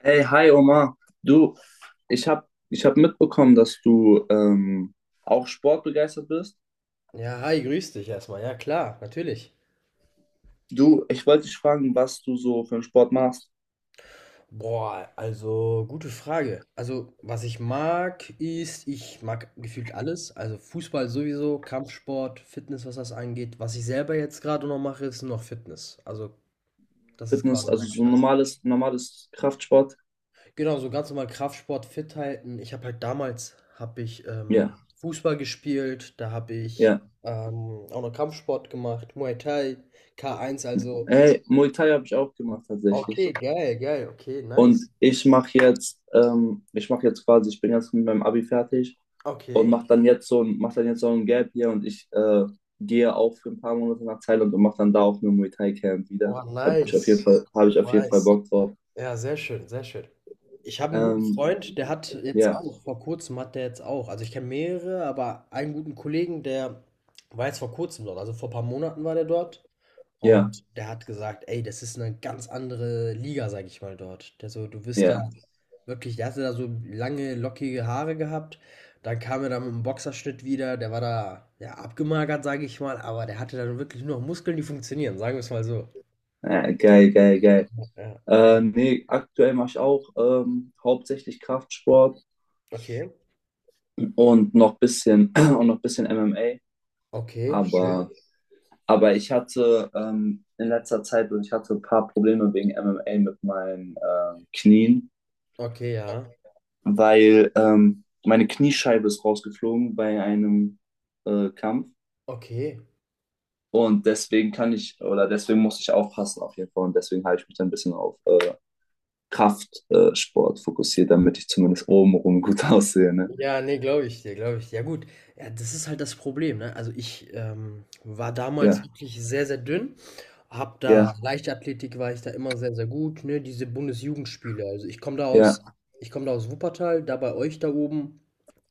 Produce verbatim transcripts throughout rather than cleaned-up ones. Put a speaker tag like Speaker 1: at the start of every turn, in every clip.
Speaker 1: Hey, hi Omar. Du, ich habe ich hab mitbekommen, dass du ähm, auch sportbegeistert bist.
Speaker 2: Ja, hi, grüß dich erstmal. Ja, klar, natürlich.
Speaker 1: Du, ich wollte dich fragen, was du so für einen Sport machst.
Speaker 2: Boah, also gute Frage. Also, was ich mag, ist, ich mag gefühlt alles. Also Fußball sowieso, Kampfsport, Fitness, was das angeht. Was ich selber jetzt gerade noch mache, ist nur noch Fitness. Also, das ist
Speaker 1: Fitness,
Speaker 2: quasi
Speaker 1: also
Speaker 2: mein
Speaker 1: so
Speaker 2: Stand.
Speaker 1: normales, normales Kraftsport.
Speaker 2: Genau, so ganz normal Kraftsport, fit halten. Ich habe halt damals, habe ich ähm,
Speaker 1: Ja,
Speaker 2: Fußball gespielt, da habe ich
Speaker 1: ja.
Speaker 2: ähm, auch noch Kampfsport gemacht, Muay Thai, K eins, also
Speaker 1: Hey, Muay Thai habe ich auch gemacht
Speaker 2: okay,
Speaker 1: tatsächlich.
Speaker 2: geil, geil, okay,
Speaker 1: Und
Speaker 2: nice.
Speaker 1: ich mache jetzt, ähm, ich mache jetzt quasi, ich bin jetzt mit meinem Abi fertig und
Speaker 2: Okay.
Speaker 1: mache dann jetzt so ein, mach dann jetzt so ein Gap hier und ich äh, gehe auch für ein paar Monate nach Thailand und mache dann da auch nur Muay Thai Camp wieder.
Speaker 2: Boah,
Speaker 1: Habe ich auf jeden
Speaker 2: nice,
Speaker 1: Fall, habe ich auf jeden Fall
Speaker 2: nice.
Speaker 1: Bock drauf.
Speaker 2: Ja, sehr schön, sehr schön. Ich habe einen guten
Speaker 1: Ähm,
Speaker 2: Freund, der hat jetzt
Speaker 1: ja,
Speaker 2: auch, vor kurzem hat der jetzt auch, also ich kenne mehrere, aber einen guten Kollegen, der war jetzt vor kurzem dort, also vor ein paar Monaten war der dort
Speaker 1: ja,
Speaker 2: und der hat gesagt, ey, das ist eine ganz andere Liga, sag ich mal, dort. Der so, du wirst da
Speaker 1: ja.
Speaker 2: wirklich, der hatte da so lange, lockige Haare gehabt, dann kam er da mit einem Boxerschnitt wieder, der war da, ja, abgemagert, sag ich mal, aber der hatte dann wirklich nur noch Muskeln, die funktionieren, sagen wir es mal so.
Speaker 1: Äh, geil, geil, geil.
Speaker 2: Ja.
Speaker 1: Äh, nee, aktuell mache ich auch ähm, hauptsächlich Kraftsport
Speaker 2: Okay,
Speaker 1: und noch bisschen und noch bisschen M M A.
Speaker 2: okay, schön.
Speaker 1: Aber Aber ich hatte ähm, in letzter Zeit und ich hatte ein paar Probleme wegen M M A mit meinen ähm, Knien,
Speaker 2: Okay, ja.
Speaker 1: weil ähm, meine Kniescheibe ist rausgeflogen bei einem äh, Kampf.
Speaker 2: Okay.
Speaker 1: Und deswegen kann ich, oder deswegen muss ich aufpassen auf jeden Fall. Und deswegen habe ich mich dann ein bisschen auf äh, Kraftsport fokussiert, damit ich zumindest obenrum gut aussehe. Ne?
Speaker 2: Ja, ne, glaube ich dir, glaube ich dir. Ja gut, ja, das ist halt das Problem, ne? Also ich ähm, war damals
Speaker 1: Ja,
Speaker 2: wirklich sehr, sehr dünn. Hab da
Speaker 1: ja,
Speaker 2: Leichtathletik war ich da immer sehr, sehr gut, ne? Diese Bundesjugendspiele. Also ich komme da aus,
Speaker 1: ja,
Speaker 2: ich komme da aus Wuppertal, da bei euch da oben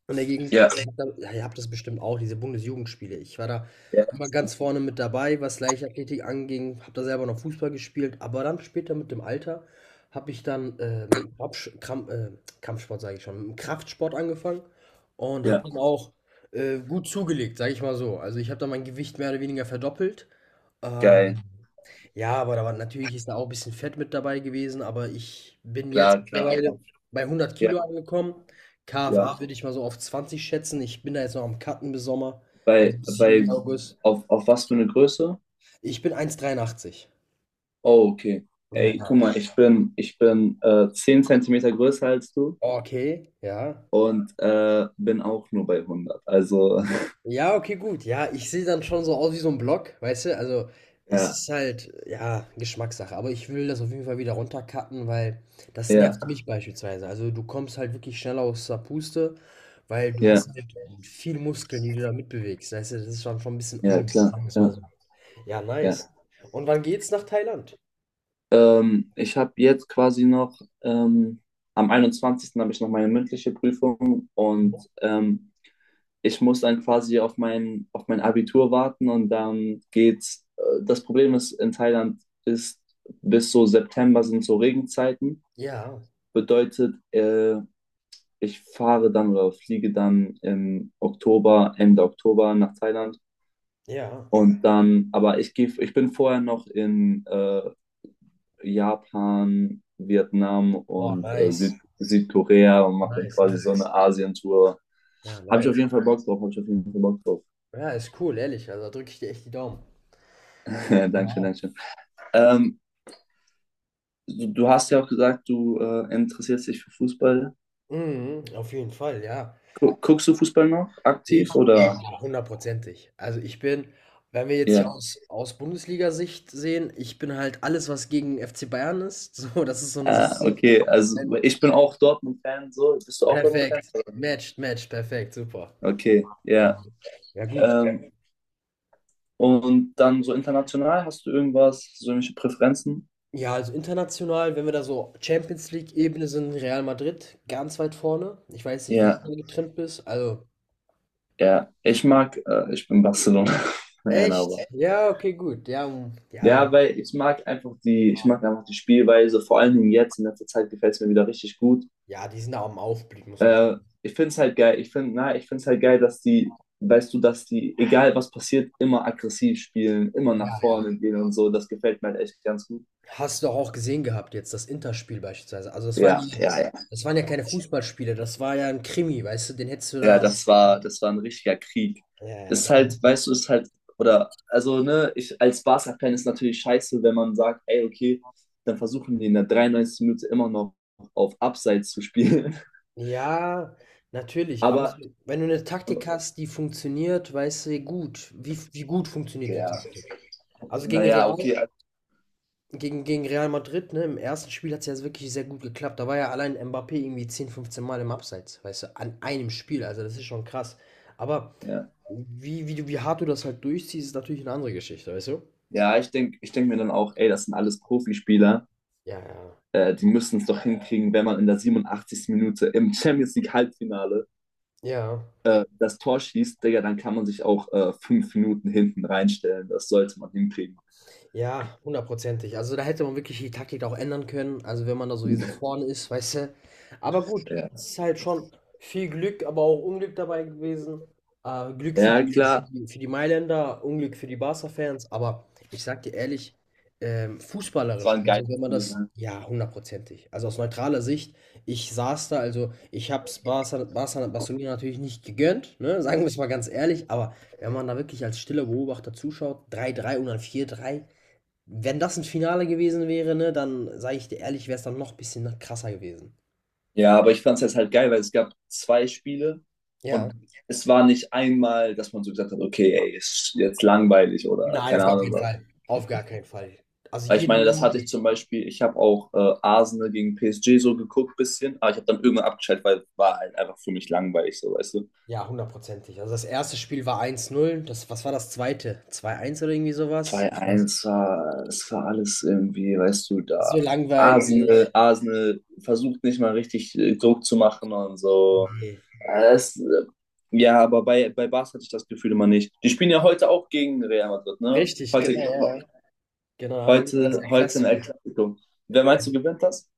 Speaker 2: in der Gegend.
Speaker 1: ja,
Speaker 2: Ich hab da, ja, ihr habt das bestimmt auch, diese Bundesjugendspiele. Ich war da
Speaker 1: ja,
Speaker 2: immer ganz vorne mit dabei, was Leichtathletik anging. Habe da selber noch Fußball gespielt, aber dann später mit dem Alter habe ich dann ähm, Kopfsch- Kramp, äh, Kampfsport sage ich schon, mit dem Kraftsport angefangen und habe
Speaker 1: ja,
Speaker 2: dann auch, äh, gut zugelegt, sage ich mal so. Also, ich habe dann mein Gewicht mehr oder weniger verdoppelt.
Speaker 1: geil,
Speaker 2: Ähm, ja, aber da war natürlich ist da auch ein bisschen Fett mit dabei gewesen, aber ich bin jetzt
Speaker 1: klar, klar.
Speaker 2: mittlerweile
Speaker 1: Aber
Speaker 2: bei hundert
Speaker 1: ja,
Speaker 2: Kilo angekommen.
Speaker 1: ja.
Speaker 2: K F A würde ich mal so auf zwanzig schätzen. Ich bin da jetzt noch am cutten bis Sommer, also
Speaker 1: Bei,
Speaker 2: bis Juli,
Speaker 1: bei,
Speaker 2: August.
Speaker 1: auf, auf was für eine Größe?
Speaker 2: Ich bin eins Komma dreiundachtzig.
Speaker 1: Oh, okay.
Speaker 2: Ja,
Speaker 1: Ey,
Speaker 2: ja.
Speaker 1: guck mal, ich bin, ich bin äh, zehn Zentimeter größer als du
Speaker 2: Okay, ja.
Speaker 1: und äh, bin auch nur bei hundert. Also,
Speaker 2: Ja, okay, gut. Ja, ich sehe dann schon so aus wie so ein Block, weißt du? Also, es
Speaker 1: ja,
Speaker 2: ist halt, ja, Geschmackssache, aber ich will das auf jeden Fall wieder runtercutten, weil das
Speaker 1: ja,
Speaker 2: nervt mich beispielsweise. Also, du kommst halt wirklich schneller aus der Puste, weil du
Speaker 1: ja,
Speaker 2: hast halt viel Muskeln, die du da mitbewegst, weißt du? Das ist dann schon ein bisschen
Speaker 1: ja,
Speaker 2: unnötig,
Speaker 1: klar,
Speaker 2: sagen wir's mal
Speaker 1: klar,
Speaker 2: so. Ja, nice.
Speaker 1: ja.
Speaker 2: Und wann geht's nach Thailand?
Speaker 1: Ähm, ich habe jetzt quasi noch, ähm, am einundzwanzigsten habe ich noch meine mündliche Prüfung und ähm, ich muss dann quasi auf mein, auf mein Abitur warten und dann geht's. Äh, das Problem ist, in Thailand ist bis so September sind so Regenzeiten.
Speaker 2: Ja,
Speaker 1: Bedeutet, äh, ich fahre dann oder fliege dann im Oktober, Ende Oktober nach Thailand.
Speaker 2: ja.
Speaker 1: Und dann, aber ich gehe, ich bin vorher noch in äh, Japan, Vietnam
Speaker 2: Boah,
Speaker 1: und äh, Süd,
Speaker 2: nice.
Speaker 1: Südkorea und mache dann
Speaker 2: Nice,
Speaker 1: quasi
Speaker 2: nice.
Speaker 1: so eine Asientour.
Speaker 2: Ja,
Speaker 1: Habe ich auf
Speaker 2: nice.
Speaker 1: jeden Fall Bock drauf, habe ich auf jeden Fall Bock drauf.
Speaker 2: Ja, ist cool, ehrlich. Also, da drücke ich dir echt die Daumen.
Speaker 1: Dankeschön,
Speaker 2: Ja.
Speaker 1: Dankeschön. Ähm, du, du hast ja auch gesagt, du äh, interessierst dich für Fußball.
Speaker 2: Mhm, auf jeden Fall, ja.
Speaker 1: Gu Guckst du Fußball noch
Speaker 2: Ich
Speaker 1: aktiv oder?
Speaker 2: Ja, hundertprozentig. Also, ich bin, wenn wir jetzt hier
Speaker 1: Ja.
Speaker 2: aus aus Bundesliga Sicht sehen, ich bin halt alles, was gegen F C Bayern ist, so, das ist so eine
Speaker 1: Ah,
Speaker 2: Sache.
Speaker 1: okay, also
Speaker 2: Wenn
Speaker 1: ich bin auch Dortmund-Fan, so. Bist du auch Dortmund-Fan?
Speaker 2: Perfekt. Matcht, matcht, perfekt, super.
Speaker 1: Okay,
Speaker 2: Ja.
Speaker 1: ja.
Speaker 2: Ja gut.
Speaker 1: Ähm, und dann so international, hast du irgendwas, so irgendwelche Präferenzen?
Speaker 2: Ja, also international, wenn wir da so Champions League-Ebene sind, Real Madrid ganz weit vorne. Ich weiß nicht, wie du
Speaker 1: Ja,
Speaker 2: da getrimmt bist. Also
Speaker 1: ja. Ich mag, äh, ich bin Barcelona-Fan, aber.
Speaker 2: echt? Ja, okay, gut. Ja, hm, ja,
Speaker 1: Ja, weil ich mag einfach die, ich mag einfach die Spielweise, vor allen Dingen jetzt in letzter Zeit gefällt es mir wieder richtig gut.
Speaker 2: ja, die sind da am Aufblick, muss man sagen.
Speaker 1: Äh, ich finde es halt geil, ich finde, na, ich finde es halt geil, dass die, weißt du, dass die, egal was passiert, immer aggressiv spielen, immer
Speaker 2: Ja,
Speaker 1: nach
Speaker 2: ja.
Speaker 1: vorne gehen und so. Das gefällt mir halt echt ganz gut.
Speaker 2: Hast du doch auch gesehen gehabt jetzt, das Interspiel beispielsweise. Also das waren
Speaker 1: Ja,
Speaker 2: ja
Speaker 1: ja, ja.
Speaker 2: das waren ja keine Fußballspiele, das war ja ein Krimi, weißt du, den hättest du
Speaker 1: Ja,
Speaker 2: da,
Speaker 1: das war, das war ein richtiger Krieg.
Speaker 2: ja, ja,
Speaker 1: Ist
Speaker 2: das war
Speaker 1: halt,
Speaker 2: wirklich.
Speaker 1: weißt du, ist halt, oder, also, Ne, ich als Barca-Fan ist natürlich scheiße, wenn man sagt, ey, okay, dann versuchen die in der dreiundneunzigsten. Minute immer noch auf Abseits zu spielen.
Speaker 2: Ja, natürlich, aber
Speaker 1: Aber,
Speaker 2: so wenn du eine Taktik hast, die funktioniert, weißt du gut, wie wie gut funktioniert die
Speaker 1: ja,
Speaker 2: Taktik? Also gegen Real
Speaker 1: naja, okay, also,
Speaker 2: gegen gegen Real Madrid, ne, im ersten Spiel hat's ja wirklich sehr gut geklappt. Da war ja allein Mbappé irgendwie zehn, fünfzehn Mal im Abseits, weißt du, an einem Spiel, also das ist schon krass. Aber
Speaker 1: ja.
Speaker 2: wie wie du wie hart du das halt durchziehst, ist natürlich eine andere Geschichte, weißt du?
Speaker 1: Ja, ich denke, ich denk mir dann auch, ey, das sind alles Profispieler.
Speaker 2: Ja, ja.
Speaker 1: Äh, die müssen es doch hinkriegen, wenn man in der siebenundachtzigsten. Minute im Champions League Halbfinale
Speaker 2: Ja,
Speaker 1: äh, das Tor schießt, Digga, dann kann man sich auch äh, fünf Minuten hinten reinstellen. Das sollte man hinkriegen.
Speaker 2: Ja, hundertprozentig. Also da hätte man wirklich die Taktik auch ändern können. Also wenn man da sowieso vorne ist, weißt du. Aber gut,
Speaker 1: Ja,
Speaker 2: es ist halt schon viel Glück, aber auch Unglück dabei gewesen. Äh, Glück für
Speaker 1: ja,
Speaker 2: die,
Speaker 1: klar.
Speaker 2: für die Mailänder, Unglück für die Barca-Fans. Aber ich sag dir ehrlich, ähm,
Speaker 1: Es war
Speaker 2: fußballerisch,
Speaker 1: ein geiles
Speaker 2: also wenn man
Speaker 1: Spiel.
Speaker 2: das,
Speaker 1: Ne?
Speaker 2: ja, hundertprozentig. Also aus neutraler Sicht, ich saß da, also ich hab's Barca, Barca, Barcelona natürlich nicht gegönnt, ne? Sagen wir es mal ganz ehrlich, aber wenn man da wirklich als stiller Beobachter zuschaut, drei drei und dann vier drei, wenn das ein Finale gewesen wäre, ne, dann sage ich dir ehrlich, wäre es dann noch ein bisschen krasser gewesen.
Speaker 1: Ja, aber ich fand es jetzt halt geil, weil es gab zwei Spiele
Speaker 2: Ja.
Speaker 1: und es war nicht einmal, dass man so gesagt hat, okay, ey, ist jetzt langweilig oder
Speaker 2: Nein, auf
Speaker 1: keine
Speaker 2: gar
Speaker 1: Ahnung
Speaker 2: keinen
Speaker 1: was.
Speaker 2: Fall. Auf gar keinen Fall. Also,
Speaker 1: Weil ich
Speaker 2: jede
Speaker 1: meine, das hatte
Speaker 2: Minute
Speaker 1: ich zum Beispiel, ich habe auch äh, Arsenal gegen P S G so geguckt bisschen, aber ich habe dann irgendwann abgeschaltet, weil war halt einfach für mich langweilig, so weißt du.
Speaker 2: ja, hundertprozentig. Also, das erste Spiel war eins zu null. Das. Was war das zweite.? zwei zu eins oder irgendwie sowas?
Speaker 1: zwei
Speaker 2: Ich weiß
Speaker 1: eins war, es war alles irgendwie, weißt du,
Speaker 2: nicht, so
Speaker 1: da Arsenal,
Speaker 2: langweilig.
Speaker 1: Arsenal versucht nicht mal richtig äh, Druck zu machen und so.
Speaker 2: Ne.
Speaker 1: Äh, Es, äh, ja, aber bei, bei Barca hatte ich das Gefühl immer nicht. Die spielen ja heute auch gegen Real Madrid, ne?
Speaker 2: Richtig,
Speaker 1: Heute,
Speaker 2: genau, ja, ja. Genau, haben wir wieder das
Speaker 1: heute, heute in El
Speaker 2: Klassiker.
Speaker 1: Clasico. Wer meinst du gewinnt das?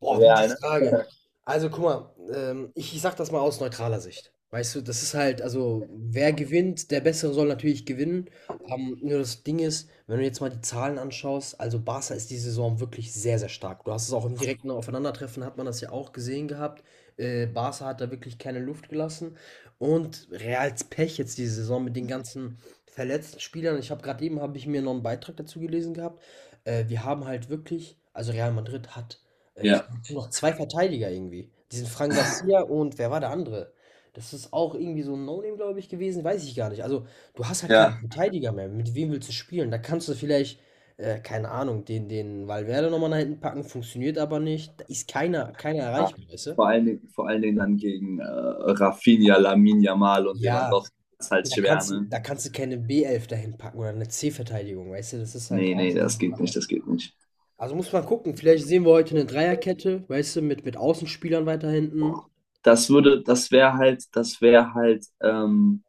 Speaker 2: Boah, gute
Speaker 1: Real, ne?
Speaker 2: Frage. Also guck mal, ähm, ich, ich sag das mal aus neutraler Sicht. Weißt du, das ist halt, also wer gewinnt, der Bessere soll natürlich gewinnen. Ähm, nur das Ding ist, wenn du jetzt mal die Zahlen anschaust, also Barca ist die Saison wirklich sehr, sehr stark. Du hast es auch im direkten Aufeinandertreffen, hat man das ja auch gesehen gehabt. Äh, Barca hat da wirklich keine Luft gelassen. Und Reals Pech jetzt diese Saison mit den ganzen verletzten Spielern. Ich habe gerade eben, habe ich mir noch einen Beitrag dazu gelesen gehabt. Äh, wir haben halt wirklich, also Real Madrid hat äh, ich
Speaker 1: Ja,
Speaker 2: nur noch zwei Verteidiger irgendwie. Diesen Fran Garcia und wer war der andere? Das ist auch irgendwie so ein No-Name, glaube ich, gewesen, weiß ich gar nicht. Also, du hast halt
Speaker 1: ja.
Speaker 2: keinen Verteidiger mehr. Mit wem willst du spielen? Da kannst du vielleicht, äh, keine Ahnung, den, den Valverde nochmal nach hinten packen, funktioniert aber nicht. Da ist keiner, keiner
Speaker 1: Ja.
Speaker 2: erreichbar, weißt du?
Speaker 1: Vor allen Dingen, vor allen Dingen dann gegen äh, Rafinha, Lamine Yamal und
Speaker 2: Ja,
Speaker 1: Lewandowski. Das ist halt
Speaker 2: da
Speaker 1: schwer,
Speaker 2: kannst du,
Speaker 1: ne?
Speaker 2: da kannst du keine b elf dahin packen oder eine C-Verteidigung, weißt du, das ist halt
Speaker 1: Nee,
Speaker 2: auch
Speaker 1: nee,
Speaker 2: schon so
Speaker 1: das
Speaker 2: eine
Speaker 1: geht
Speaker 2: Sache.
Speaker 1: nicht, das geht nicht.
Speaker 2: Also muss man gucken, vielleicht sehen wir heute eine Dreierkette, weißt du, mit, mit Außenspielern weiter hinten.
Speaker 1: Das würde, das wäre halt, das wäre halt, ähm,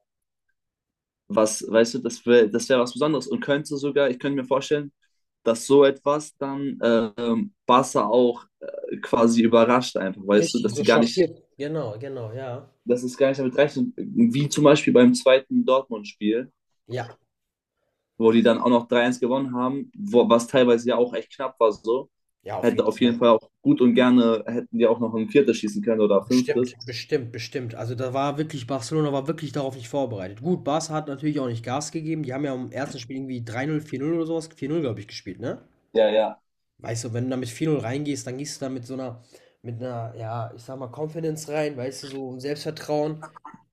Speaker 1: was, weißt du, das wäre, das wäre was Besonderes und könnte sogar, ich könnte mir vorstellen, dass so etwas dann ähm, Barca auch äh, quasi überrascht einfach, weißt du,
Speaker 2: Richtig,
Speaker 1: dass die
Speaker 2: so
Speaker 1: gar nicht,
Speaker 2: schockiert. Genau, genau, ja.
Speaker 1: dass es gar nicht damit rechnen, wie zum Beispiel beim zweiten Dortmund-Spiel,
Speaker 2: Ja,
Speaker 1: wo die dann auch noch drei eins gewonnen haben, wo, was teilweise ja auch echt knapp war so,
Speaker 2: ja, auf
Speaker 1: hätte
Speaker 2: jeden
Speaker 1: auf
Speaker 2: Fall.
Speaker 1: jeden Fall auch gut und gerne, hätten die auch noch ein viertes schießen können oder
Speaker 2: Bestimmt,
Speaker 1: fünftes.
Speaker 2: bestimmt, bestimmt. Also da war wirklich, Barcelona war wirklich darauf nicht vorbereitet. Gut, Barca hat natürlich auch nicht Gas gegeben. Die haben ja im ersten Spiel irgendwie drei null, vier null oder sowas, vier null, glaube ich, gespielt, ne?
Speaker 1: Ja, ja.
Speaker 2: Weißt du, wenn du da mit vier null reingehst, dann gehst du da mit so einer, mit einer, ja, ich sag mal, Confidence rein, weißt du, so ein Selbstvertrauen.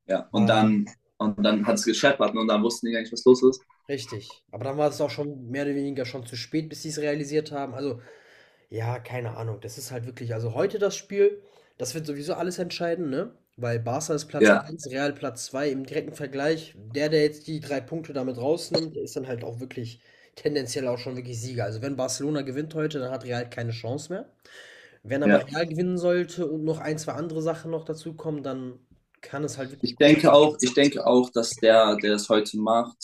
Speaker 1: Ja, und
Speaker 2: Ähm,
Speaker 1: dann, und dann hat es gescheppert, ne? Und dann wussten die gar nicht, was los ist.
Speaker 2: richtig. Aber dann war es auch schon mehr oder weniger schon zu spät, bis sie es realisiert haben. Also ja, keine Ahnung. Das ist halt wirklich also heute das Spiel, das wird sowieso alles entscheiden, ne? Weil Barca ist Platz
Speaker 1: Ja,
Speaker 2: eins, Real Platz zwei im direkten Vergleich. Der, der jetzt die drei Punkte damit rausnimmt, der ist dann halt auch wirklich tendenziell auch schon wirklich Sieger. Also wenn Barcelona gewinnt heute, dann hat Real keine Chance mehr. Wenn aber
Speaker 1: ja.
Speaker 2: Real gewinnen sollte und noch ein, zwei andere Sachen noch dazukommen, dann kann es halt wirklich
Speaker 1: Ich
Speaker 2: gut sein.
Speaker 1: denke
Speaker 2: Dass-
Speaker 1: auch, ich denke auch, dass der, der es heute macht,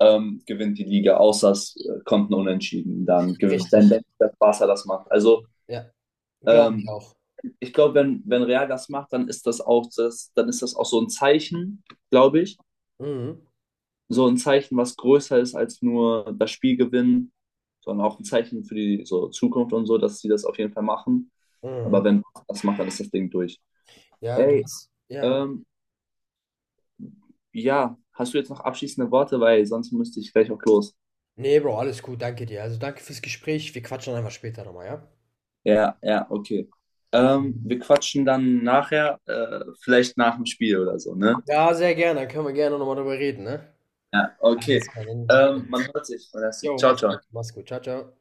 Speaker 1: ähm, gewinnt die Liga, außer es äh, kommt ein Unentschieden. Dann gewinnt
Speaker 2: Richtig,
Speaker 1: dann denke ich, dass Barca das macht. Also
Speaker 2: ja. Glaube ich
Speaker 1: ähm,
Speaker 2: auch.
Speaker 1: ich glaube, wenn, wenn Real das macht, dann ist das auch das, dann ist das auch so ein Zeichen, glaube ich.
Speaker 2: Mhm.
Speaker 1: So ein Zeichen, was größer ist als nur das Spiel gewinnen, sondern auch ein Zeichen für die so Zukunft und so, dass sie das auf jeden Fall machen.
Speaker 2: Mhm.
Speaker 1: Aber wenn das macht, dann ist das Ding durch.
Speaker 2: Ja, du
Speaker 1: Ey,
Speaker 2: hast. Ja.
Speaker 1: ähm, ja, hast du jetzt noch abschließende Worte, weil sonst müsste ich gleich auch los.
Speaker 2: Ne, Bro, alles gut, danke dir. Also danke fürs Gespräch. Wir quatschen einfach später nochmal, ja?
Speaker 1: Ja, ja, okay. Ähm, wir quatschen dann nachher, äh, vielleicht nach dem Spiel oder so, ne?
Speaker 2: Ja, sehr gerne. Dann können wir gerne nochmal drüber reden, ne?
Speaker 1: Ja, okay.
Speaker 2: Alles klar, dann hören wir
Speaker 1: Ähm, man
Speaker 2: uns.
Speaker 1: hört sich. Man hört sich.
Speaker 2: Jo,
Speaker 1: Ciao,
Speaker 2: mach's
Speaker 1: ciao.
Speaker 2: gut, mach's gut. Ciao, ciao.